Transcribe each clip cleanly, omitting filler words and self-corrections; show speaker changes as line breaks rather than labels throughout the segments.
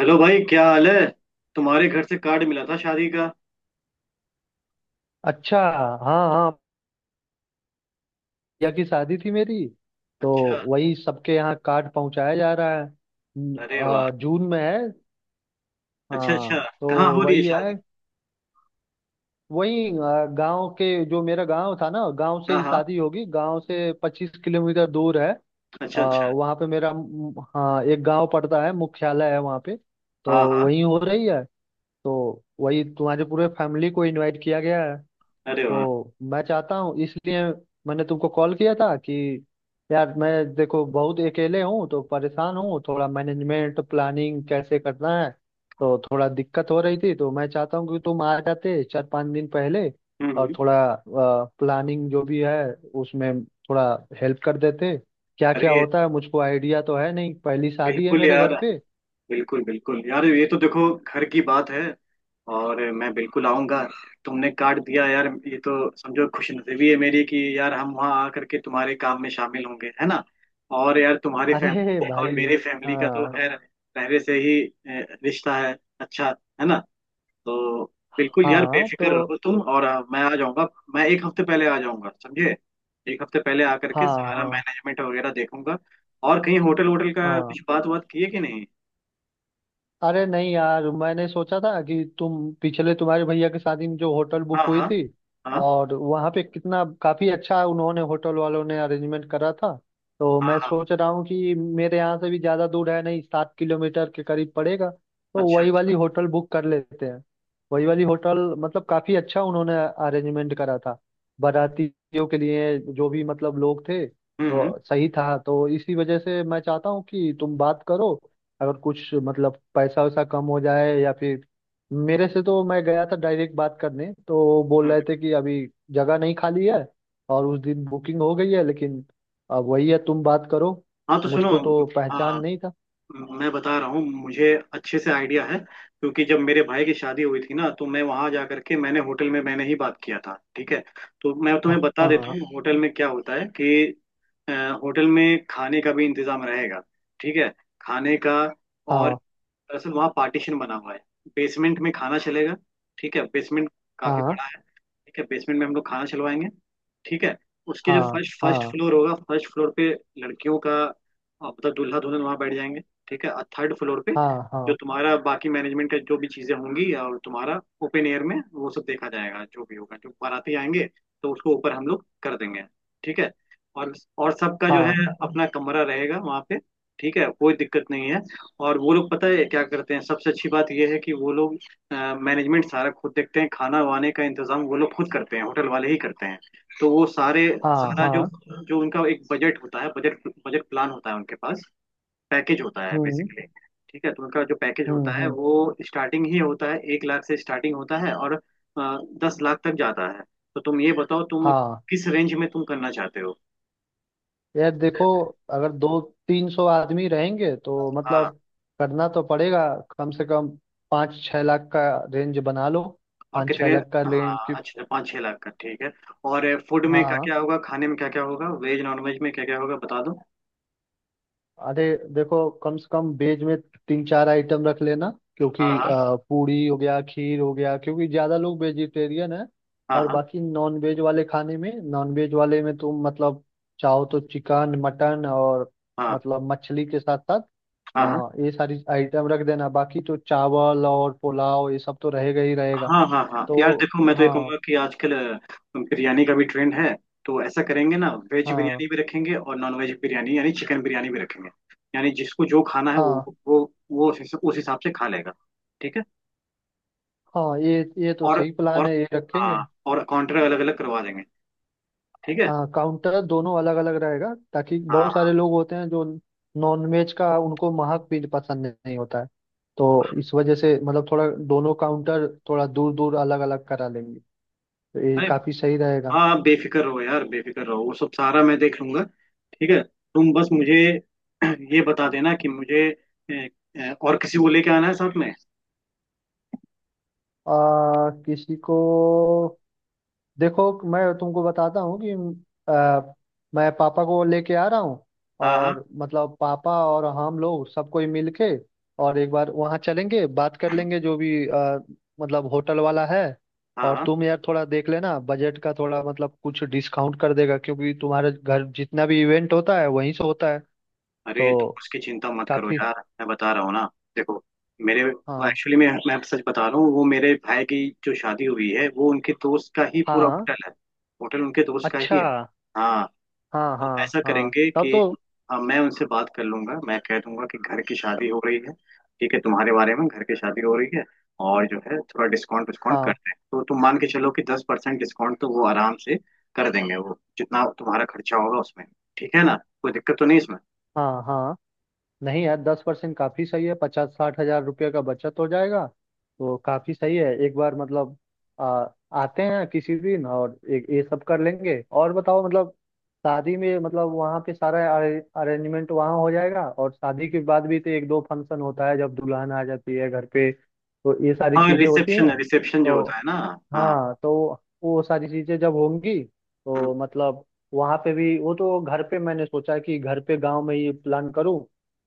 Hello भाई, क्या हाल है। तुम्हारे घर से कार्ड मिला था शादी का।
अच्छा। हाँ हाँ। भैया की शादी थी मेरी। तो
अच्छा।
वही सबके यहाँ कार्ड पहुंचाया जा रहा है।
अरे वाह।
जून में है।
अच्छा
हाँ।
अच्छा।
तो
कहाँ हो रही है
वही है,
शादी?
वही गांव के, जो मेरा गांव था ना, गांव से
हाँ
ही
हाँ।
शादी होगी। गांव से 25 किलोमीटर दूर है।
अच्छा अच्छा।
वहाँ पे मेरा हाँ, एक गांव पड़ता है, मुख्यालय है वहाँ पे। तो
हाँ हाँ।
वही हो रही है। तो वही तुम्हारे पूरे फैमिली को इनवाइट किया गया है।
अरे वाह।
तो मैं चाहता हूँ, इसलिए मैंने तुमको कॉल किया था कि यार, मैं देखो बहुत अकेले हूँ, तो परेशान हूँ थोड़ा। मैनेजमेंट, प्लानिंग कैसे करना है, तो थोड़ा दिक्कत हो रही थी। तो मैं चाहता हूँ कि तुम आ जाते 4-5 दिन पहले,
हम्म
और
हम्म।
थोड़ा प्लानिंग जो भी है उसमें थोड़ा हेल्प कर देते। क्या क्या
अरे
होता है, मुझको आइडिया तो है नहीं, पहली शादी है
बिल्कुल
मेरे घर
यार,
पे।
बिल्कुल बिल्कुल यार, ये तो देखो घर की बात है। और मैं बिल्कुल आऊंगा। तुमने कार्ड दिया यार, ये तो समझो खुशनसीबी है मेरी कि यार हम वहाँ आकर के तुम्हारे काम में शामिल होंगे, है ना। और यार तुम्हारी
अरे
फैमिली और
भाई।
मेरी फैमिली का तो
हाँ
खैर पहले से ही रिश्ता है अच्छा। है ना। तो बिल्कुल यार,
हाँ। तो।
बेफिक्र रहो तुम और मैं आ जाऊंगा। मैं एक हफ्ते पहले आ जाऊंगा समझे। एक हफ्ते पहले आकर
हाँ।
के सारा
हाँ
मैनेजमेंट वगैरह देखूंगा। और कहीं होटल होटल का
हाँ।
कुछ बात बात की है कि नहीं।
अरे नहीं यार, मैंने सोचा था कि तुम, पिछले, तुम्हारे भैया की शादी में जो होटल
हाँ
बुक हुई
हाँ।
थी,
हाँ।
और वहाँ पे कितना काफी अच्छा उन्होंने, होटल वालों ने अरेंजमेंट करा था। तो
हाँ
मैं
हाँ।
सोच रहा हूँ कि मेरे यहाँ से भी ज्यादा दूर है नहीं, 7 किलोमीटर के करीब पड़ेगा। तो
अच्छा
वही
अच्छा।
वाली होटल बुक कर लेते हैं। वही वाली होटल मतलब काफी अच्छा उन्होंने अरेंजमेंट करा था बारातियों के लिए। जो भी मतलब लोग थे
हम्म हम्म हम्म।
तो सही था। तो इसी वजह से मैं चाहता हूँ कि तुम बात करो। अगर कुछ मतलब पैसा वैसा कम हो जाए, या फिर मेरे से, तो मैं गया था डायरेक्ट बात करने, तो बोल
हम्म।
रहे थे कि अभी जगह नहीं खाली है और उस दिन बुकिंग हो गई है। लेकिन अब वही है, तुम बात करो।
हाँ तो सुनो।
मुझको तो पहचान
हाँ
नहीं था।
मैं बता रहा हूँ, मुझे अच्छे से आइडिया है क्योंकि जब मेरे भाई की शादी हुई थी ना तो मैं वहां जा करके मैंने होटल में मैंने ही बात किया था। ठीक है। तो मैं
हाँ
तुम्हें बता देता
हाँ।
हूँ होटल में क्या होता है कि अ, होटल में खाने का भी इंतजाम रहेगा। ठीक है। खाने का। और दरअसल वहाँ पार्टीशन बना हुआ है। बेसमेंट में खाना चलेगा। ठीक है, बेसमेंट काफी
हाँ
बड़ा है। ठीक है, बेसमेंट में हम लोग खाना चलवाएंगे। ठीक है। उसके जो
हाँ।
फर्स्ट फर्स्ट
हाँ
फ्लोर होगा, फर्स्ट फ्लोर पे लड़कियों का मतलब दूल्हा दुल्हन वहाँ बैठ जाएंगे। ठीक है। और थर्ड फ्लोर पे
हाँ।
जो
हाँ
तुम्हारा बाकी मैनेजमेंट का जो भी चीजें होंगी और तुम्हारा ओपन एयर में वो सब देखा जाएगा, जो भी होगा, जो बाराती आएंगे तो उसको ऊपर हम लोग कर देंगे। ठीक है। और और सबका
हाँ।
जो
हाँ
है अपना कमरा रहेगा वहाँ पे। ठीक है, कोई दिक्कत नहीं है। और वो लोग पता है क्या करते हैं, सबसे अच्छी बात ये है कि वो लोग मैनेजमेंट सारा खुद देखते हैं, खाना वाने का इंतजाम वो लोग खुद करते हैं, होटल वाले ही करते हैं। तो वो सारे
हाँ।
सारा जो
हाँ।
जो उनका एक बजट होता है, बजट बजट प्लान होता है उनके पास। पैकेज होता है
हम्म
बेसिकली। ठीक है। तो उनका जो पैकेज होता है
हम्म।
वो स्टार्टिंग ही होता है, 1 लाख से स्टार्टिंग होता है और 10 लाख तक जाता है। तो तुम ये बताओ, तुम
हाँ।
किस रेंज में तुम करना चाहते हो।
यार देखो, अगर 200-300 आदमी रहेंगे तो
हाँ।
मतलब करना तो पड़ेगा। कम से कम 5-6 लाख का रेंज बना लो।
और
पाँच छः
कितने।
लाख का रेंज
हाँ
की।
अच्छा, 5-6 लाख का ठीक है। और फूड में क्या
हाँ।
क्या होगा, खाने में क्या क्या होगा, वेज नॉन वेज में क्या क्या होगा बता दो।
अरे देखो, कम से कम वेज में 3-4 आइटम रख लेना, क्योंकि
हाँ हाँ।
पूरी हो गया, खीर हो गया, क्योंकि ज़्यादा लोग वेजिटेरियन है।
हाँ
और
हाँ।
बाकी नॉन वेज वाले खाने में, नॉन वेज वाले में तुम मतलब चाहो तो चिकन, मटन, और मतलब मछली के साथ साथ,
हाँ हाँ। हाँ
हाँ, ये सारी आइटम रख देना। बाकी तो चावल और पुलाव ये सब तो रहेगा ही रहेगा।
हाँ। हाँ हाँ। यार
तो।
देखो, मैं तो ये
हाँ।
कहूँगा कि आजकल बिरयानी का भी ट्रेंड है। तो ऐसा करेंगे ना, वेज
हाँ
बिरयानी भी रखेंगे और नॉन वेज बिरयानी यानी चिकन बिरयानी भी रखेंगे। यानी जिसको जो खाना है
हाँ।
वो वो उस हिसाब से खा लेगा। ठीक है।
हाँ। ये तो
और
सही प्लान
और
है, ये
हाँ,
रखेंगे।
और काउंटर अलग अलग करवा देंगे। ठीक है।
हाँ। काउंटर दोनों अलग अलग रहेगा, ताकि
हाँ
बहुत
हाँ।
सारे लोग होते हैं जो नॉन वेज का उनको महक भी पसंद नहीं होता है। तो इस वजह से मतलब थोड़ा, दोनों काउंटर थोड़ा दूर दूर, अलग अलग करा लेंगे। तो ये
अरे
काफी सही रहेगा।
हाँ, आप बेफिक्र रहो यार, बेफिक्र रहो, वो सब सारा मैं देख लूंगा। ठीक है, तुम बस मुझे ये बता देना कि मुझे ए, ए, और किसी को लेके आना है साथ में।
किसी को, देखो मैं तुमको बताता हूँ कि, अ, मैं पापा को लेके आ रहा हूँ।
हाँ हाँ
और मतलब पापा और हम लोग सब कोई मिल के, और एक बार वहाँ चलेंगे, बात कर लेंगे, जो भी मतलब होटल वाला है।
हाँ
और
हाँ।
तुम यार थोड़ा देख लेना बजट का, थोड़ा मतलब कुछ डिस्काउंट कर देगा, क्योंकि तुम्हारे घर जितना भी इवेंट होता है वहीं से होता है।
अरे तुम
तो
उसकी चिंता मत करो
काफी।
यार। मैं बता रहा हूँ ना, देखो मेरे
हाँ
एक्चुअली मैं सच बता रहा हूँ, वो मेरे भाई की जो शादी हुई है वो उनके दोस्त का ही पूरा
हाँ।
होटल है। होटल उनके दोस्त का ही
अच्छा।
है। हाँ।
हाँ
तो
हाँ।
ऐसा
हाँ
करेंगे
तब
कि
तो।
हाँ, मैं उनसे बात कर लूंगा, मैं कह दूंगा कि घर की शादी हो रही है। ठीक है, तुम्हारे बारे में घर की शादी हो रही है। और जो है थोड़ा डिस्काउंट विस्काउंट
हाँ
करते हैं, तो तुम मान के चलो कि 10% डिस्काउंट तो वो आराम से कर देंगे, वो जितना तुम्हारा खर्चा होगा उसमें। ठीक है ना। कोई दिक्कत तो नहीं इसमें।
हाँ। हाँ। नहीं यार, 10% काफी सही है, 50-60 हजार रुपये का बचत हो जाएगा। तो काफी सही है, एक बार मतलब आ, आते हैं किसी दिन और एक ये सब कर लेंगे। और बताओ मतलब, शादी में मतलब वहाँ पे सारा अरेंजमेंट वहाँ हो जाएगा। और शादी के बाद भी तो 1-2 फंक्शन होता है, जब दुल्हन आ जाती है घर पे, तो ये सारी
और
चीजें होती
रिसेप्शन
हैं।
रिसेप्शन जो होता
तो।
है ना। हाँ।
हाँ। तो वो सारी चीजें जब होंगी,
हम्म।
तो मतलब वहां पे भी वो, तो घर पे मैंने सोचा कि घर पे गांव में ही प्लान करूँ।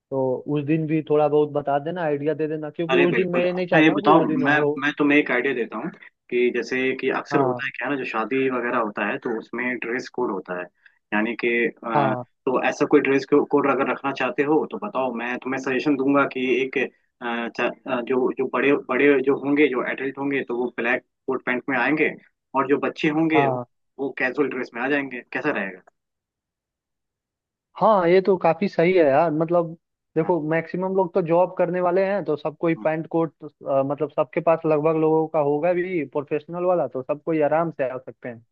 तो उस दिन भी थोड़ा बहुत बता देना, आइडिया दे देना, क्योंकि
अरे
उस दिन मैं
बिल्कुल।
ये नहीं
अच्छा ये
चाहता हूँ कि
बताओ,
उस दिन
मैं
हो।
मैं तुम्हें एक आइडिया देता हूँ कि जैसे कि अक्सर
हाँ
होता है क्या है ना, जो शादी वगैरह होता है तो उसमें ड्रेस कोड होता है, यानी कि
हाँ।
तो ऐसा कोई ड्रेस कोड अगर रखना चाहते हो तो बताओ, मैं तुम्हें सजेशन दूंगा कि एक जो जो बड़े बड़े जो होंगे, जो एडल्ट होंगे तो वो ब्लैक कोट पैंट में आएंगे। और जो बच्चे होंगे वो,
हाँ।
वो कैजुअल ड्रेस में आ जाएंगे। कैसा रहेगा।
हाँ, ये तो काफी सही है यार, मतलब
हाँ,
देखो मैक्सिमम लोग तो जॉब करने वाले हैं। तो सबको ही
हाँ,
पैंट कोट मतलब सबके पास लगभग लोगों का होगा भी प्रोफेशनल वाला। तो सबको ही आराम से आ सकते हैं।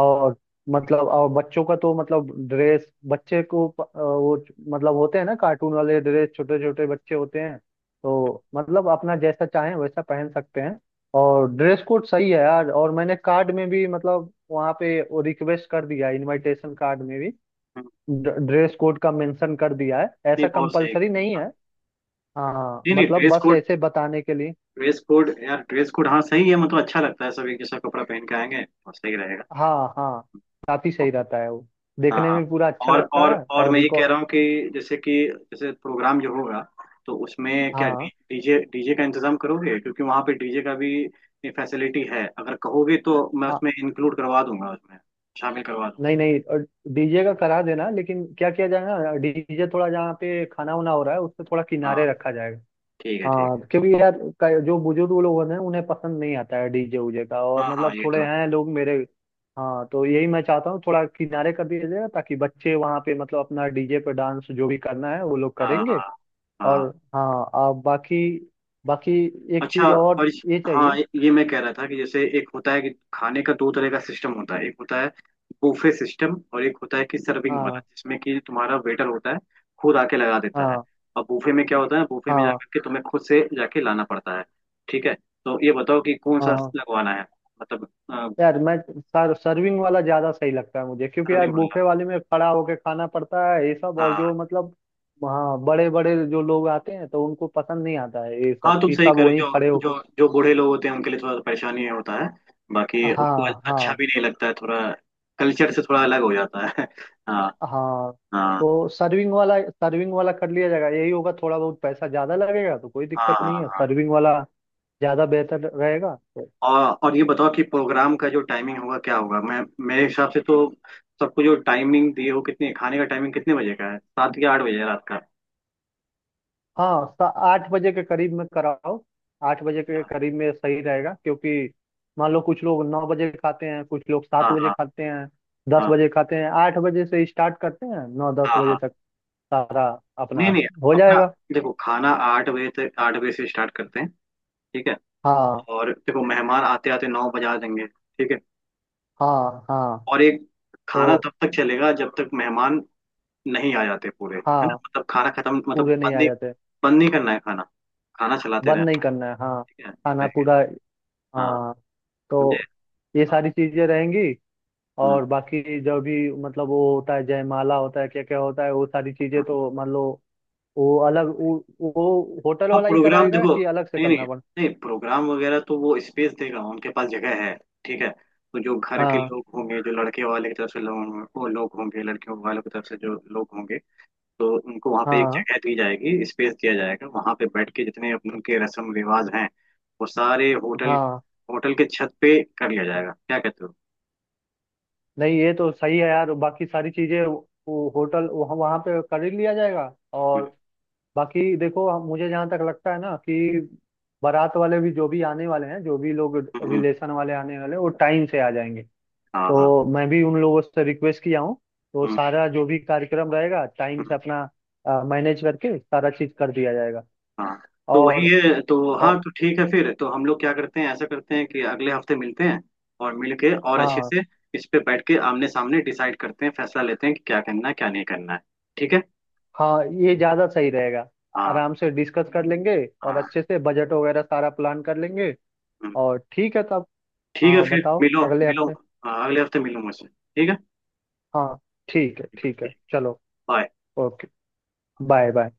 और मतलब, और बच्चों का तो मतलब ड्रेस, बच्चे को मतलब होते हैं ना, कार्टून वाले ड्रेस, छोटे छोटे बच्चे होते हैं, तो मतलब अपना जैसा चाहें वैसा पहन सकते हैं। और ड्रेस कोड सही है यार, और मैंने कार्ड में भी मतलब वहाँ पे वो रिक्वेस्ट कर दिया है, इनविटेशन कार्ड में भी
हाँ।
ड्रेस कोड का मेंशन कर दिया है,
नहीं
ऐसा
बहुत सही है।
कंपलसरी नहीं है।
हाँ।
हाँ,
नहीं नहीं,
मतलब
ड्रेस
बस
कोड,
ऐसे बताने के लिए।
ड्रेस कोड यार, ड्रेस कोड हाँ सही है, मतलब अच्छा लगता है सब एक जैसा कपड़ा पहन के आएंगे और सही रहेगा।
हाँ हाँ। काफी सही रहता है वो,
हाँ
देखने
हाँ।
में पूरा अच्छा
और
लगता
और
है।
और
और
मैं ये कह
रिकॉर्ड।
रहा हूँ कि जैसे प्रोग्राम जो होगा तो उसमें क्या
हाँ
डीजे डीजे का इंतजाम करोगे, क्योंकि वहाँ पे डीजे का भी फैसिलिटी है, अगर कहोगे तो मैं
हाँ।
उसमें इंक्लूड करवा दूंगा, उसमें शामिल करवा दूंगा।
नहीं नहीं। और डीजे का करा देना, लेकिन क्या किया जाए ना, डीजे थोड़ा जहाँ पे खाना वाना हो रहा है उससे थोड़ा
हाँ।
किनारे रखा जाएगा।
ठीक है ठीक है।
हाँ, क्योंकि यार, जो बुजुर्ग लोग हैं उन्हें पसंद नहीं आता है डीजे उजे का, और
हाँ हाँ
मतलब
ये तो
थोड़े
है।
हैं लोग मेरे। हाँ, तो यही मैं चाहता हूँ, थोड़ा किनारे कर दिया जाए, ताकि बच्चे वहाँ पे मतलब अपना डीजे पे डांस जो भी करना है वो लोग
हाँ
करेंगे।
हाँ।
और
हाँ
हाँ, आप बाकी, बाकी एक
अच्छा।
चीज
और
और ये चाहिए।
हाँ, ये मैं कह रहा था कि जैसे एक होता है कि खाने का दो तरह का सिस्टम होता है, एक होता है बुफे सिस्टम और एक होता है कि सर्विंग वाला
हाँ।
जिसमें कि तुम्हारा वेटर होता है खुद आके लगा देता है।
हाँ
और बुफे में क्या होता है, बुफे में
हाँ।
जाकर के तुम्हें खुद से जाके लाना पड़ता है। ठीक है। तो ये बताओ कि कौन सा
हाँ,
लगवाना है मतलब।
यार मैं सर सर्विंग वाला ज्यादा सही लगता है मुझे, क्योंकि यार
सर्विंग वाला।
बुफे वाले में खड़ा होके खाना पड़ता है ये सब और जो
हाँ।
मतलब। हाँ, बड़े बड़े जो लोग आते हैं तो उनको पसंद नहीं आता है ये
हाँ
सब,
तुम
कि
सही
सब
करो,
वहीं
जो
खड़े
जो
होके।
जो बूढ़े लोग होते हैं उनके लिए थोड़ा परेशानी होता है, बाकी उनको
हाँ
अच्छा
हाँ।
भी नहीं लगता है, थोड़ा कल्चर से थोड़ा अलग हो जाता है हाँ।
हाँ।
हाँ।
तो सर्विंग वाला, सर्विंग वाला कर लिया जाएगा, यही होगा। थोड़ा बहुत पैसा ज्यादा लगेगा तो कोई
हाँ।
दिक्कत नहीं है।
हाँ।
सर्विंग वाला ज्यादा बेहतर रहेगा।
और ये बताओ कि प्रोग्राम का जो टाइमिंग होगा क्या होगा। मैं, मेरे हिसाब से तो सबको जो टाइमिंग दी हो कितनी, खाने का टाइमिंग कितने बजे का है, 7 या 8 बजे है रात का।
हाँ। 8 बजे के करीब में कराओ, 8 बजे के करीब में सही रहेगा। क्योंकि मान लो कुछ लोग 9 बजे खाते हैं, कुछ लोग सात
हाँ
बजे
हाँ।
खाते हैं, दस
हाँ
बजे खाते हैं। 8 बजे से स्टार्ट करते हैं, नौ दस
हाँ।
बजे
हाँ।
तक सारा
नहीं
अपना
नहीं।
हो
अपना
जाएगा।
देखो, खाना 8 बजे तक, 8 बजे से स्टार्ट करते हैं। ठीक है।
हाँ
और देखो मेहमान आते आते 9 बजा देंगे। ठीक है।
हाँ। हाँ।
और एक खाना
तो।
तब तक चलेगा जब तक मेहमान नहीं आ जाते पूरे, है ना,
हाँ।
मतलब खाना खत्म, मतलब
पूरे नहीं
बंद
आ
नहीं।
जाते।
बंद नहीं करना है खाना, खाना चलाते
बंद नहीं
रहना।
करना है। हाँ,
ठीक है इस
खाना
तरीके।
पूरा।
हाँ।
हाँ। तो
समझे।
ये
हाँ।
सारी चीजें रहेंगी।
हाँ
और बाकी जो भी मतलब वो होता है, जयमाला होता है, क्या क्या होता है, वो सारी चीजें तो मान लो वो अलग, वो होटल
हाँ,
वाला ही
प्रोग्राम
कराएगा
देखो।
कि अलग से
नहीं नहीं।
करना पड़।
नहीं प्रोग्राम वगैरह तो वो स्पेस देगा, उनके पास जगह है। ठीक है। तो जो घर के
हाँ
लोग होंगे, जो लड़के वाले की तरफ से लोग वो लोग होंगे, लड़कियों वालों की तरफ से जो लोग होंगे, तो उनको वहाँ पे एक
हाँ।
जगह दी जाएगी, स्पेस दिया जाएगा वहाँ पे, बैठ के जितने अपन के रस्म रिवाज हैं वो सारे होटल
हाँ।
होटल के छत पे कर लिया जाएगा। क्या कहते हो।
नहीं, ये तो सही है यार, बाकी सारी चीजें वो होटल वहाँ वहाँ पे कर ही लिया जाएगा। और
हम्म
बाकी देखो, मुझे जहाँ तक लगता है ना, कि बारात वाले भी जो भी आने वाले हैं, जो भी लोग
हम्म हम्म,
रिलेशन वाले आने वाले हैं वो टाइम से आ जाएंगे।
हाँ हाँ।
तो मैं भी उन लोगों से रिक्वेस्ट किया हूँ। तो
हम्म
सारा जो भी कार्यक्रम रहेगा टाइम से
हम्म।
अपना मैनेज करके सारा चीज कर दिया जाएगा।
हाँ तो वही
और।
है। तो हाँ
और।
तो ठीक है फिर, तो हम लोग क्या करते हैं, ऐसा करते हैं कि अगले हफ्ते मिलते हैं और मिल के और अच्छे
हाँ
से इस पे बैठ के आमने सामने डिसाइड करते हैं, फैसला लेते हैं कि क्या करना है क्या नहीं करना है। ठीक है।
हाँ, ये ज्यादा सही रहेगा।
हाँ।
आराम से डिस्कस कर लेंगे, और
हाँ।
अच्छे से बजट वगैरह सारा प्लान कर लेंगे।
हम्म,
और ठीक है तब।
ठीक है
हाँ,
फिर
बताओ
मिलो
अगले
मिलो।
हफ्ते।
हाँ, अगले हफ्ते मिलो मुझसे ठीक है।
हाँ ठीक है। ठीक है, चलो।
बाय।
ओके। Bye bye.